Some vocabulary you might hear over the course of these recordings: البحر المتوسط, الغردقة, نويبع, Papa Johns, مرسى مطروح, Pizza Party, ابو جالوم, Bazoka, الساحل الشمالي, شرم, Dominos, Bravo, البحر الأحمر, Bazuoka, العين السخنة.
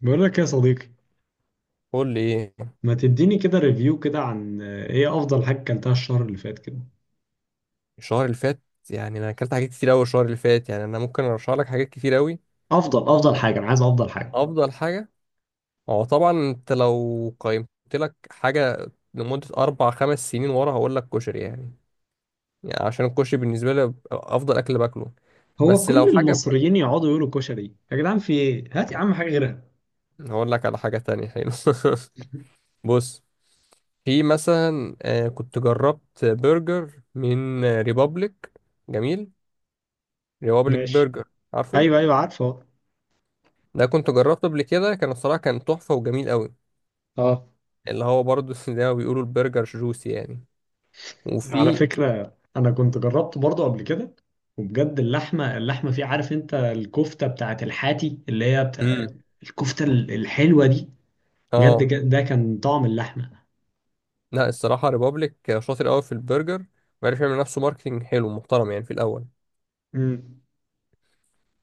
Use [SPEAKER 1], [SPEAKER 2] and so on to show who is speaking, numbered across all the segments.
[SPEAKER 1] بقول لك يا صديقي،
[SPEAKER 2] قول لي ايه؟
[SPEAKER 1] ما تديني كده ريفيو كده عن ايه افضل حاجه اكلتها الشهر اللي فات كده؟
[SPEAKER 2] الشهر اللي فات؟ يعني انا اكلت حاجات كتير قوي الشهر اللي فات. يعني انا ممكن ارشح لك حاجات كتير قوي.
[SPEAKER 1] افضل افضل حاجه، انا عايز افضل حاجه.
[SPEAKER 2] افضل حاجه. هو طبعا انت لو قيمت لك حاجه لمده 4 5 سنين ورا هقول لك كشري يعني، يعني عشان الكشري بالنسبه لي افضل اكل باكله.
[SPEAKER 1] هو
[SPEAKER 2] بس لو
[SPEAKER 1] كل
[SPEAKER 2] حاجه
[SPEAKER 1] المصريين يقعدوا يقولوا كشري، يا جدعان في ايه؟ هات يا عم حاجه غيرها.
[SPEAKER 2] هقول لك على حاجه تانية حلو. بص، في مثلا كنت جربت برجر من ريبابليك. جميل. ريبابليك
[SPEAKER 1] ماشي.
[SPEAKER 2] برجر. عارفه؟
[SPEAKER 1] ايوه ايوه عارفه.
[SPEAKER 2] ده كنت جربته قبل كده، كان الصراحة كان تحفة وجميل قوي.
[SPEAKER 1] اه.
[SPEAKER 2] اللي هو برضه زي ما بيقولوا البرجر جوسي يعني.
[SPEAKER 1] على
[SPEAKER 2] وفي
[SPEAKER 1] فكره انا كنت جربته برضه قبل كده، وبجد اللحمه، اللحمه فيه، عارف انت الكفته بتاعت الحاتي اللي هي بتاع
[SPEAKER 2] امم
[SPEAKER 1] الكفته الحلوه دي؟ بجد
[SPEAKER 2] اه
[SPEAKER 1] ده كان طعم اللحمه.
[SPEAKER 2] لا الصراحة ريبابليك شاطر قوي في البرجر، وعرف يعمل نفسه ماركتنج حلو محترم يعني في الأول.
[SPEAKER 1] امم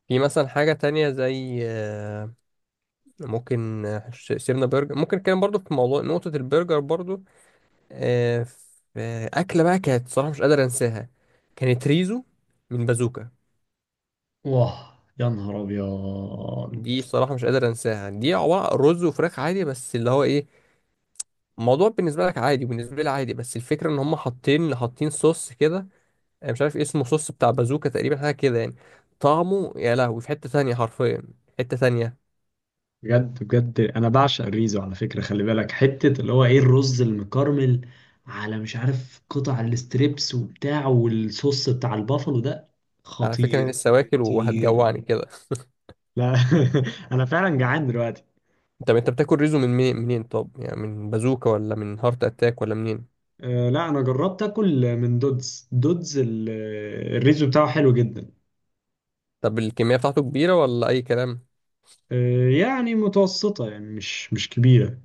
[SPEAKER 2] في مثلا حاجة تانية زي ممكن سيبنا برجر، ممكن كان برضه في موضوع نقطة البرجر برضه. آه، في أكلة بقى كانت صراحة مش قادر أنساها، كانت ريزو من بازوكا.
[SPEAKER 1] واه، يا نهار ابيض.
[SPEAKER 2] دي صراحة مش قادر أنساها. دي عبارة عن رز وفراخ عادي، بس اللي هو إيه، الموضوع بالنسبه لك عادي وبالنسبه لي عادي، بس الفكره ان هم حاطين حاطين صوص كده. أنا مش عارف إيه اسمه، صوص بتاع بازوكا تقريبا، حاجه كده يعني. طعمه يا لهوي في حته تانية حرفيا، حته تانية.
[SPEAKER 1] بجد بجد انا بعشق الريزو، على فكره خلي بالك حته اللي هو ايه، الرز المكرمل، على مش عارف قطع الاستريبس وبتاع، والصوص بتاع البافلو ده
[SPEAKER 2] على فكره انا
[SPEAKER 1] خطير.
[SPEAKER 2] لسه واكل
[SPEAKER 1] خطير.
[SPEAKER 2] وهتجوعني كده.
[SPEAKER 1] لا. انا فعلا جعان دلوقتي.
[SPEAKER 2] طب انت بتاكل ريزو من منين طب؟ يعني من بازوكا ولا من هارت اتاك ولا منين؟
[SPEAKER 1] أه لا، انا جربت اكل من دودز. الريزو بتاعه حلو جدا.
[SPEAKER 2] طب الكميه بتاعته كبيره ولا اي كلام؟
[SPEAKER 1] أه يعني متوسطه، يعني مش كبيره.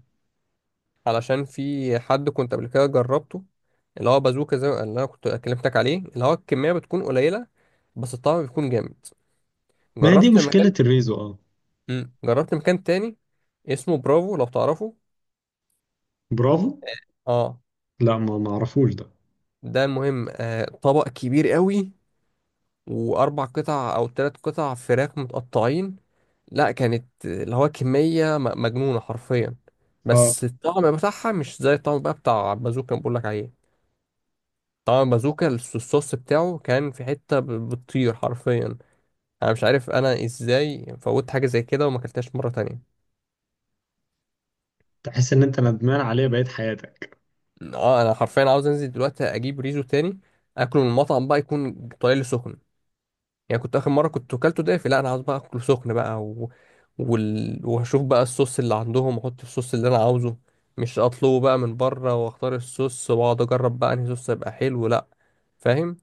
[SPEAKER 2] علشان في حد كنت قبل كده جربته، اللي هو بازوكا زي اللي انا كنت كلمتك عليه، اللي هو الكميه بتكون قليله بس الطعم بيكون جامد.
[SPEAKER 1] ما هي دي
[SPEAKER 2] جربت مكان.
[SPEAKER 1] مشكله الريزو، اه.
[SPEAKER 2] جربت مكان تاني اسمه برافو لو تعرفه.
[SPEAKER 1] برافو.
[SPEAKER 2] اه
[SPEAKER 1] لا، ما اعرفوش ده.
[SPEAKER 2] ده مهم. طبق كبير قوي، و 4 قطع او 3 قطع فراخ متقطعين. لا كانت اللي هو كمية مجنونة حرفيا،
[SPEAKER 1] اه.
[SPEAKER 2] بس الطعم بتاعها مش زي الطعم بقى بتاع بازوكا اللي بقولك عليه. طعم بازوكا الصوص بتاعه كان في حتة بتطير حرفيا. انا مش عارف انا ازاي فوت حاجة زي كده وما اكلتهاش مرة تانية.
[SPEAKER 1] تحس ان انت ندمان عليه بقيت حياتك.
[SPEAKER 2] اه انا حرفيا عاوز انزل دلوقتي اجيب ريزو تاني، اكله من المطعم بقى يكون طالع لي سخن. يعني كنت اخر مره كنت اكلته دافي، لا انا عاوز بقى اكله سخن بقى وهشوف بقى الصوص اللي عندهم واحط الصوص اللي انا عاوزه، مش اطلبه بقى من بره، واختار الصوص واقعد اجرب بقى انهي صوص هيبقى حلو لا. فاهم؟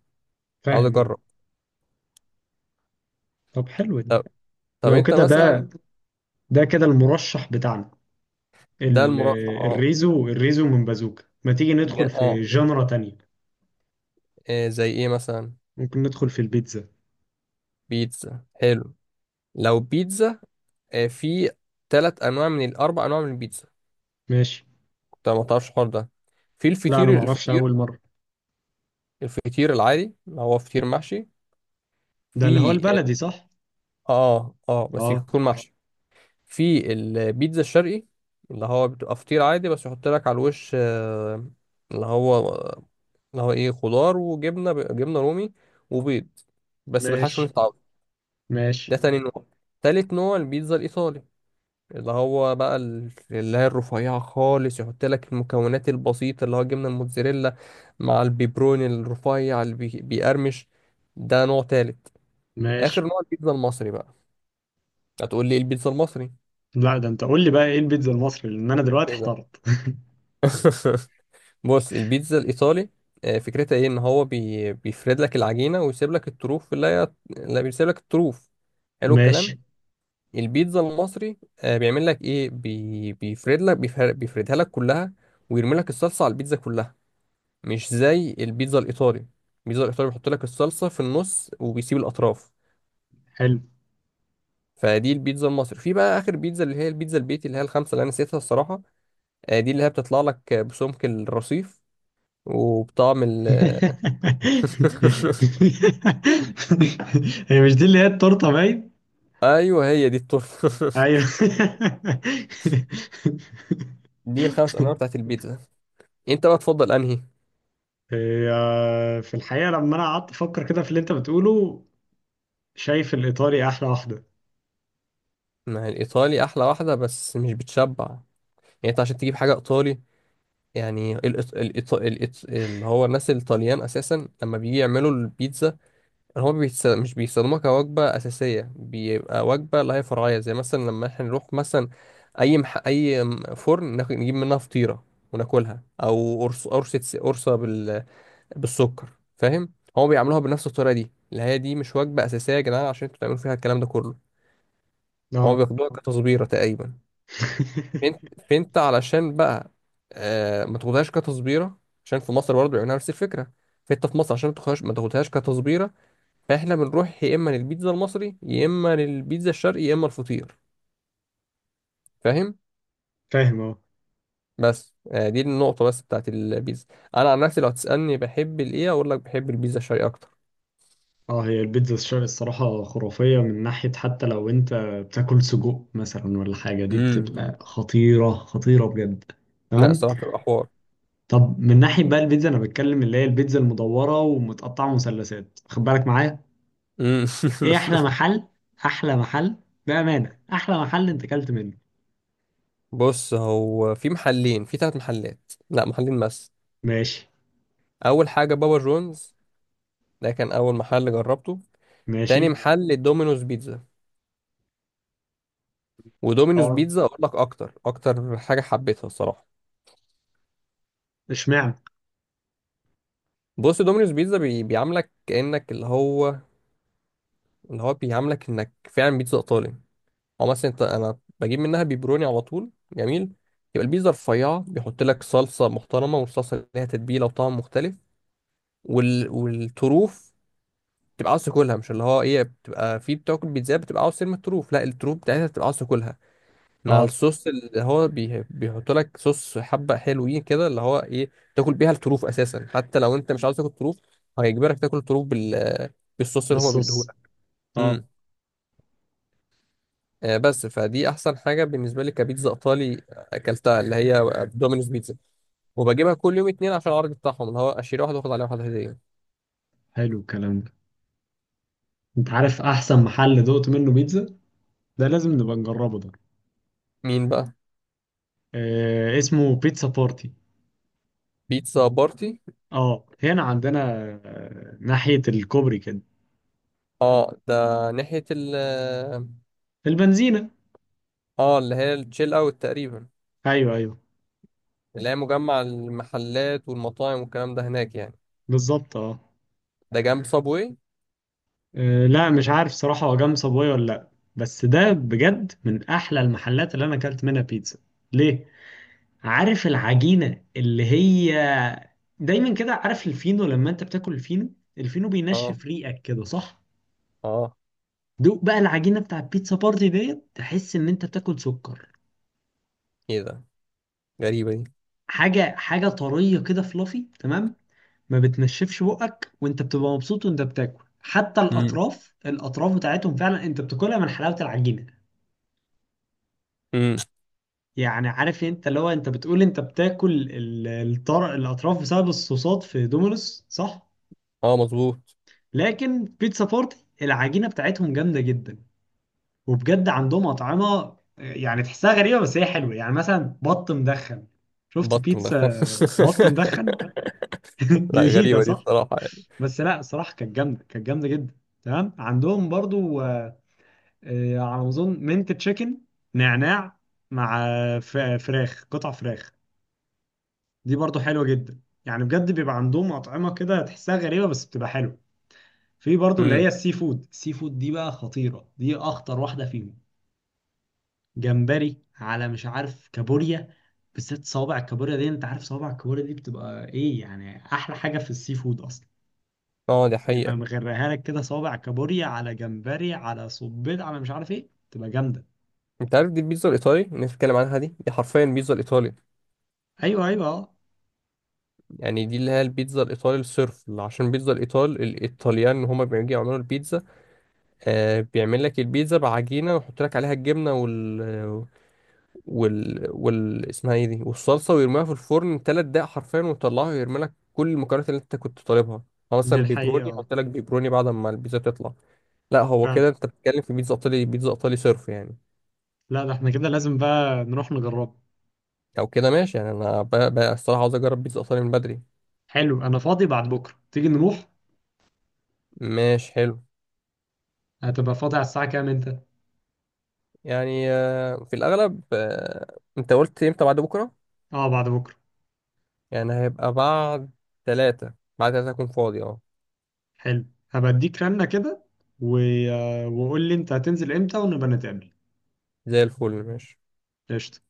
[SPEAKER 2] عاوز
[SPEAKER 1] فاهم.
[SPEAKER 2] اجرب.
[SPEAKER 1] طب حلو دي.
[SPEAKER 2] طب, طب
[SPEAKER 1] لو
[SPEAKER 2] انت
[SPEAKER 1] كده
[SPEAKER 2] مثلا.
[SPEAKER 1] ده كده المرشح بتاعنا.
[SPEAKER 2] ده
[SPEAKER 1] ال-
[SPEAKER 2] المرشح اه.
[SPEAKER 1] الريزو، الريزو من بازوكا. ما تيجي ندخل في
[SPEAKER 2] اه.
[SPEAKER 1] جنرا تانية؟
[SPEAKER 2] زي ايه مثلا؟
[SPEAKER 1] ممكن ندخل في البيتزا.
[SPEAKER 2] بيتزا حلو. لو بيتزا في 3 انواع من ال 4 انواع من البيتزا.
[SPEAKER 1] ماشي.
[SPEAKER 2] انت ما تعرفش الحوار ده؟ في
[SPEAKER 1] لا انا
[SPEAKER 2] الفطير.
[SPEAKER 1] معرفش،
[SPEAKER 2] الفطير،
[SPEAKER 1] اول مرة.
[SPEAKER 2] الفطير العادي اللي هو فطير محشي.
[SPEAKER 1] ده اللي هو
[SPEAKER 2] في ال...
[SPEAKER 1] البلدي صح؟
[SPEAKER 2] اه اه بس
[SPEAKER 1] اه.
[SPEAKER 2] يكون محشي. في البيتزا الشرقي، اللي هو بتبقى فطير عادي بس يحط لك على الوش اللي هو اللي هو ايه، خضار وجبنه، جبنه رومي وبيض، بس بالحشو
[SPEAKER 1] ماشي.
[SPEAKER 2] اللي انت عاوزه.
[SPEAKER 1] ماشي.
[SPEAKER 2] ده تاني نوع. تالت نوع البيتزا الايطالي، اللي هو بقى اللي هي الرفيعة خالص، يحط لك المكونات البسيطة اللي هو جبنة الموتزاريلا مع البيبروني الرفيع اللي بيقرمش. ده نوع تالت. آخر
[SPEAKER 1] ماشي.
[SPEAKER 2] نوع البيتزا المصري بقى. هتقول لي إيه البيتزا المصري.
[SPEAKER 1] لا ده انت قول لي بقى ايه البيتزا المصري، لان انا دلوقتي
[SPEAKER 2] ايه ده؟
[SPEAKER 1] احترت.
[SPEAKER 2] بص، البيتزا الإيطالي فكرتها ايه، ان هو بيفرد لك العجينة ويسيب لك الطروف، اللي هي اللي بيسيب لك الطروف. حلو الكلام.
[SPEAKER 1] ماشي،
[SPEAKER 2] البيتزا المصري بيعمل لك ايه، بي... بيفرد لك بيفر... بيفردها لك كلها، ويرمي لك الصلصة على البيتزا كلها. مش زي البيتزا الإيطالي. البيتزا الإيطالي بيحط لك الصلصة في النص وبيسيب الأطراف.
[SPEAKER 1] حلو.
[SPEAKER 2] فدي البيتزا المصري. في بقى آخر بيتزا اللي هي البيتزا البيتي، اللي هي الخمسة اللي أنا نسيتها الصراحة. دي اللي هي بتطلع لك بسمك الرصيف وبطعم
[SPEAKER 1] هي مش دي اللي هي التورته باين؟
[SPEAKER 2] أيوه هي دي التورتة.
[SPEAKER 1] ايوه.
[SPEAKER 2] دي ال 5 أنواع بتاعت البيتزا. أنت بقى تفضل أنهي؟
[SPEAKER 1] هي في الحقيقة لما أنا قعدت أفكر كده في اللي أنت بتقوله، شايف الإيطالي أحلى واحدة.
[SPEAKER 2] ما هي الإيطالي أحلى واحدة بس مش بتشبع. يعني أنت عشان تجيب حاجة إيطالي، يعني اللي هو الناس الإيطاليان أساسا لما بيجي يعملوا البيتزا، هو مش بيستخدموها كوجبة أساسية، بيبقى وجبة لها فرعية، زي مثلا لما احنا نروح مثلا أي أي فرن نجيب منها فطيرة وناكلها، أو قرص، قرصة بالسكر. فاهم؟ هو بيعملوها بنفس الطريقة دي، اللي هي دي مش وجبة أساسية يا جدعان عشان انتوا تعملوا فيها الكلام ده كله. هو
[SPEAKER 1] أه.
[SPEAKER 2] بياخدوها كتصبيرة تقريبا. فانت، فانت علشان بقى ما تاخدهاش كتصبيرة، عشان في مصر برضه بيعملوها نفس الفكرة. فانت في مصر عشان ما تاخدهاش، ما تاخدهاش كتصبيرة. فاحنا بنروح يا اما للبيتزا المصري، يا اما للبيتزا الشرقي، يا اما الفطير. فاهم؟
[SPEAKER 1] فاهم أه.
[SPEAKER 2] بس دي النقطه بس بتاعت البيتزا. انا عن نفسي لو هتسالني بحب الايه، اقول لك بحب البيتزا الشرقي اكتر.
[SPEAKER 1] أه، هي البيتزا الشرقي الصراحة خرافية من ناحية، حتى لو أنت بتاكل سجق مثلا ولا حاجة، دي
[SPEAKER 2] امم.
[SPEAKER 1] بتبقى خطيرة، خطيرة بجد.
[SPEAKER 2] لا
[SPEAKER 1] تمام.
[SPEAKER 2] صراحه بتبقى حوار.
[SPEAKER 1] طب من ناحية بقى البيتزا، أنا بتكلم اللي هي البيتزا المدورة ومتقطعة مثلثات، خد بالك معايا.
[SPEAKER 2] مم.
[SPEAKER 1] إيه أحلى محل؟ أحلى محل، بأمانة أحلى محل أنت أكلت منه.
[SPEAKER 2] بص، هو في محلين، في 3 محلات، لا محلين بس.
[SPEAKER 1] ماشي.
[SPEAKER 2] اول حاجه بابا جونز، ده كان اول محل جربته.
[SPEAKER 1] ماشي.
[SPEAKER 2] تاني محل دومينوز بيتزا. ودومينوز
[SPEAKER 1] اه.
[SPEAKER 2] بيتزا اقول لك اكتر اكتر حاجه حبيتها الصراحه.
[SPEAKER 1] اشمعنى؟
[SPEAKER 2] بص، دومينوز بيتزا بيعاملك كانك اللي هو، اللي هو بيعاملك انك فعلا بيتزا ايطالي. او مثلا انت، انا بجيب منها بيبروني على طول، جميل. يبقى البيتزا رفيعه، بيحط لك صلصه محترمه، والصلصه ليها تتبيله وطعم مختلف. والطروف تبقى عاوز تاكلها، مش اللي هو ايه، بتبقى في بتاكل بيتزا بتبقى عاوز ترمي الطروف، لا الطروف بتاعتها بتبقى عاوز تاكلها مع
[SPEAKER 1] اه.
[SPEAKER 2] الصوص، اللي هو بيحط لك صوص حبه حلوين كده، اللي هو ايه تاكل بيها الطروف اساسا. حتى لو انت مش عاوز تاكل طروف، هيجبرك تاكل الطروف بالصوص اللي هما
[SPEAKER 1] بالصوص.
[SPEAKER 2] بيديهولك.
[SPEAKER 1] اه.
[SPEAKER 2] بس فدي احسن حاجه بالنسبه لي كبيتزا ايطالي اكلتها، اللي هي دومينوز بيتزا. وبجيبها كل يوم اتنين عشان العرض بتاعهم اللي هو اشتري واحده واخد عليها واحده هديه.
[SPEAKER 1] حلو الكلام ده. انت عارف احسن محل دقت منه بيتزا؟ ده لازم نبقى نجربه ده.
[SPEAKER 2] مين بقى؟
[SPEAKER 1] آه اسمه بيتزا بارتي.
[SPEAKER 2] بيتزا بارتي.
[SPEAKER 1] اه هنا عندنا، آه ناحية الكوبري كده.
[SPEAKER 2] اه ده ناحيه
[SPEAKER 1] البنزينة.
[SPEAKER 2] اه اللي هي التشيل اوت تقريبا،
[SPEAKER 1] ايوه ايوه.
[SPEAKER 2] اللي هي مجمع المحلات والمطاعم والكلام ده هناك يعني.
[SPEAKER 1] بالظبط اه.
[SPEAKER 2] ده جنب صابوي.
[SPEAKER 1] لا مش عارف صراحة هو جنب صابوي ولا لا، بس ده بجد من احلى المحلات اللي انا اكلت منها بيتزا. ليه؟ عارف العجينة اللي هي، دايما كده عارف الفينو، لما انت بتاكل الفينو، الفينو
[SPEAKER 2] اه
[SPEAKER 1] بينشف ريقك كده صح؟
[SPEAKER 2] اه.
[SPEAKER 1] دوق بقى العجينه بتاع البيتزا بارتي ديت، تحس ان انت بتاكل سكر.
[SPEAKER 2] ايه ده؟ غريبه دي.
[SPEAKER 1] حاجه، حاجه طريه كده فلافي، تمام. ما بتنشفش بقك وانت بتبقى مبسوط وانت بتاكل، حتى
[SPEAKER 2] امم،
[SPEAKER 1] الاطراف، الاطراف بتاعتهم فعلا انت بتاكلها من حلاوه العجينه.
[SPEAKER 2] امم.
[SPEAKER 1] يعني عارف انت اللي هو انت بتقول انت بتاكل الاطراف بسبب الصوصات في دومينوس صح؟
[SPEAKER 2] اه مظبوط.
[SPEAKER 1] لكن بيتزا بارتي، العجينه بتاعتهم جامده جدا. وبجد عندهم أطعمة يعني تحسها غريبة بس هي حلوة، يعني مثلا بط مدخن. شفت
[SPEAKER 2] بط مدخن؟
[SPEAKER 1] بيتزا بط مدخن؟
[SPEAKER 2] لا
[SPEAKER 1] جديدة
[SPEAKER 2] غريبه دي
[SPEAKER 1] صح؟
[SPEAKER 2] بصراحه يعني.
[SPEAKER 1] بس لا صراحة كانت جامدة، كانت جامدة جدا. تمام، عندهم برضو على ما أظن منت تشيكن نعناع، مع فراخ، قطع فراخ. دي برضو حلوة جدا، يعني بجد بيبقى عندهم أطعمة كده تحسها غريبة بس بتبقى حلوة. في برضو اللي
[SPEAKER 2] امم.
[SPEAKER 1] هي السي فود، السي فود دي بقى خطيرة، دي أخطر واحدة فيهم. جمبري، على مش عارف كابوريا، بالذات صوابع الكابوريا دي. انت عارف صوابع الكابوريا دي بتبقى ايه؟ يعني احلى حاجه في السي فود اصلا.
[SPEAKER 2] اه دي
[SPEAKER 1] يبقى
[SPEAKER 2] حقيقة.
[SPEAKER 1] مغرقها لك كده صوابع كابوريا على جمبري على صبيط على مش عارف ايه، تبقى جامده.
[SPEAKER 2] انت عارف دي البيتزا الايطالي اللي نتكلم عنها، دي دي حرفيا بيتزا الايطالي.
[SPEAKER 1] ايوه ايوه اه.
[SPEAKER 2] يعني دي اللي هي البيتزا الايطالي الصرف، عشان بيتزا الايطال الايطاليان هما بيجي يعملوا البيتزا بيعمل لك البيتزا بعجينه ويحط لك عليها الجبنه وال وال وال اسمها ايه دي، والصلصه، ويرميها في الفرن 3 دقايق حرفيا، ويطلعها ويرمي لك كل المكونات اللي انت كنت طالبها. هو
[SPEAKER 1] دي
[SPEAKER 2] مثلا بيبروني،
[SPEAKER 1] الحقيقه اه.
[SPEAKER 2] يحط لك بيبروني بعد ما البيتزا تطلع. لا هو
[SPEAKER 1] فعلا.
[SPEAKER 2] كده انت بتتكلم في بيتزا ايطالي، بيتزا ايطالي صرف يعني.
[SPEAKER 1] لا ده احنا كده لازم بقى نروح نجربه.
[SPEAKER 2] او كده ماشي. يعني انا بقى الصراحه عاوز اجرب بيتزا ايطالي من بدري.
[SPEAKER 1] حلو، انا فاضي بعد بكره تيجي نروح.
[SPEAKER 2] ماشي حلو.
[SPEAKER 1] هتبقى فاضي على الساعه كام انت؟
[SPEAKER 2] يعني في الأغلب. أنت قلت إمتى؟ بعد بكرة؟
[SPEAKER 1] اه بعد بكره.
[SPEAKER 2] يعني هيبقى بعد 3. بعد تلاتة أكون فاضي أه.
[SPEAKER 1] حلو، هبقى اديك رنه كده و... وقول لي انت هتنزل امتى ونبقى نتقابل.
[SPEAKER 2] زي الفل ماشي.
[SPEAKER 1] قشطه.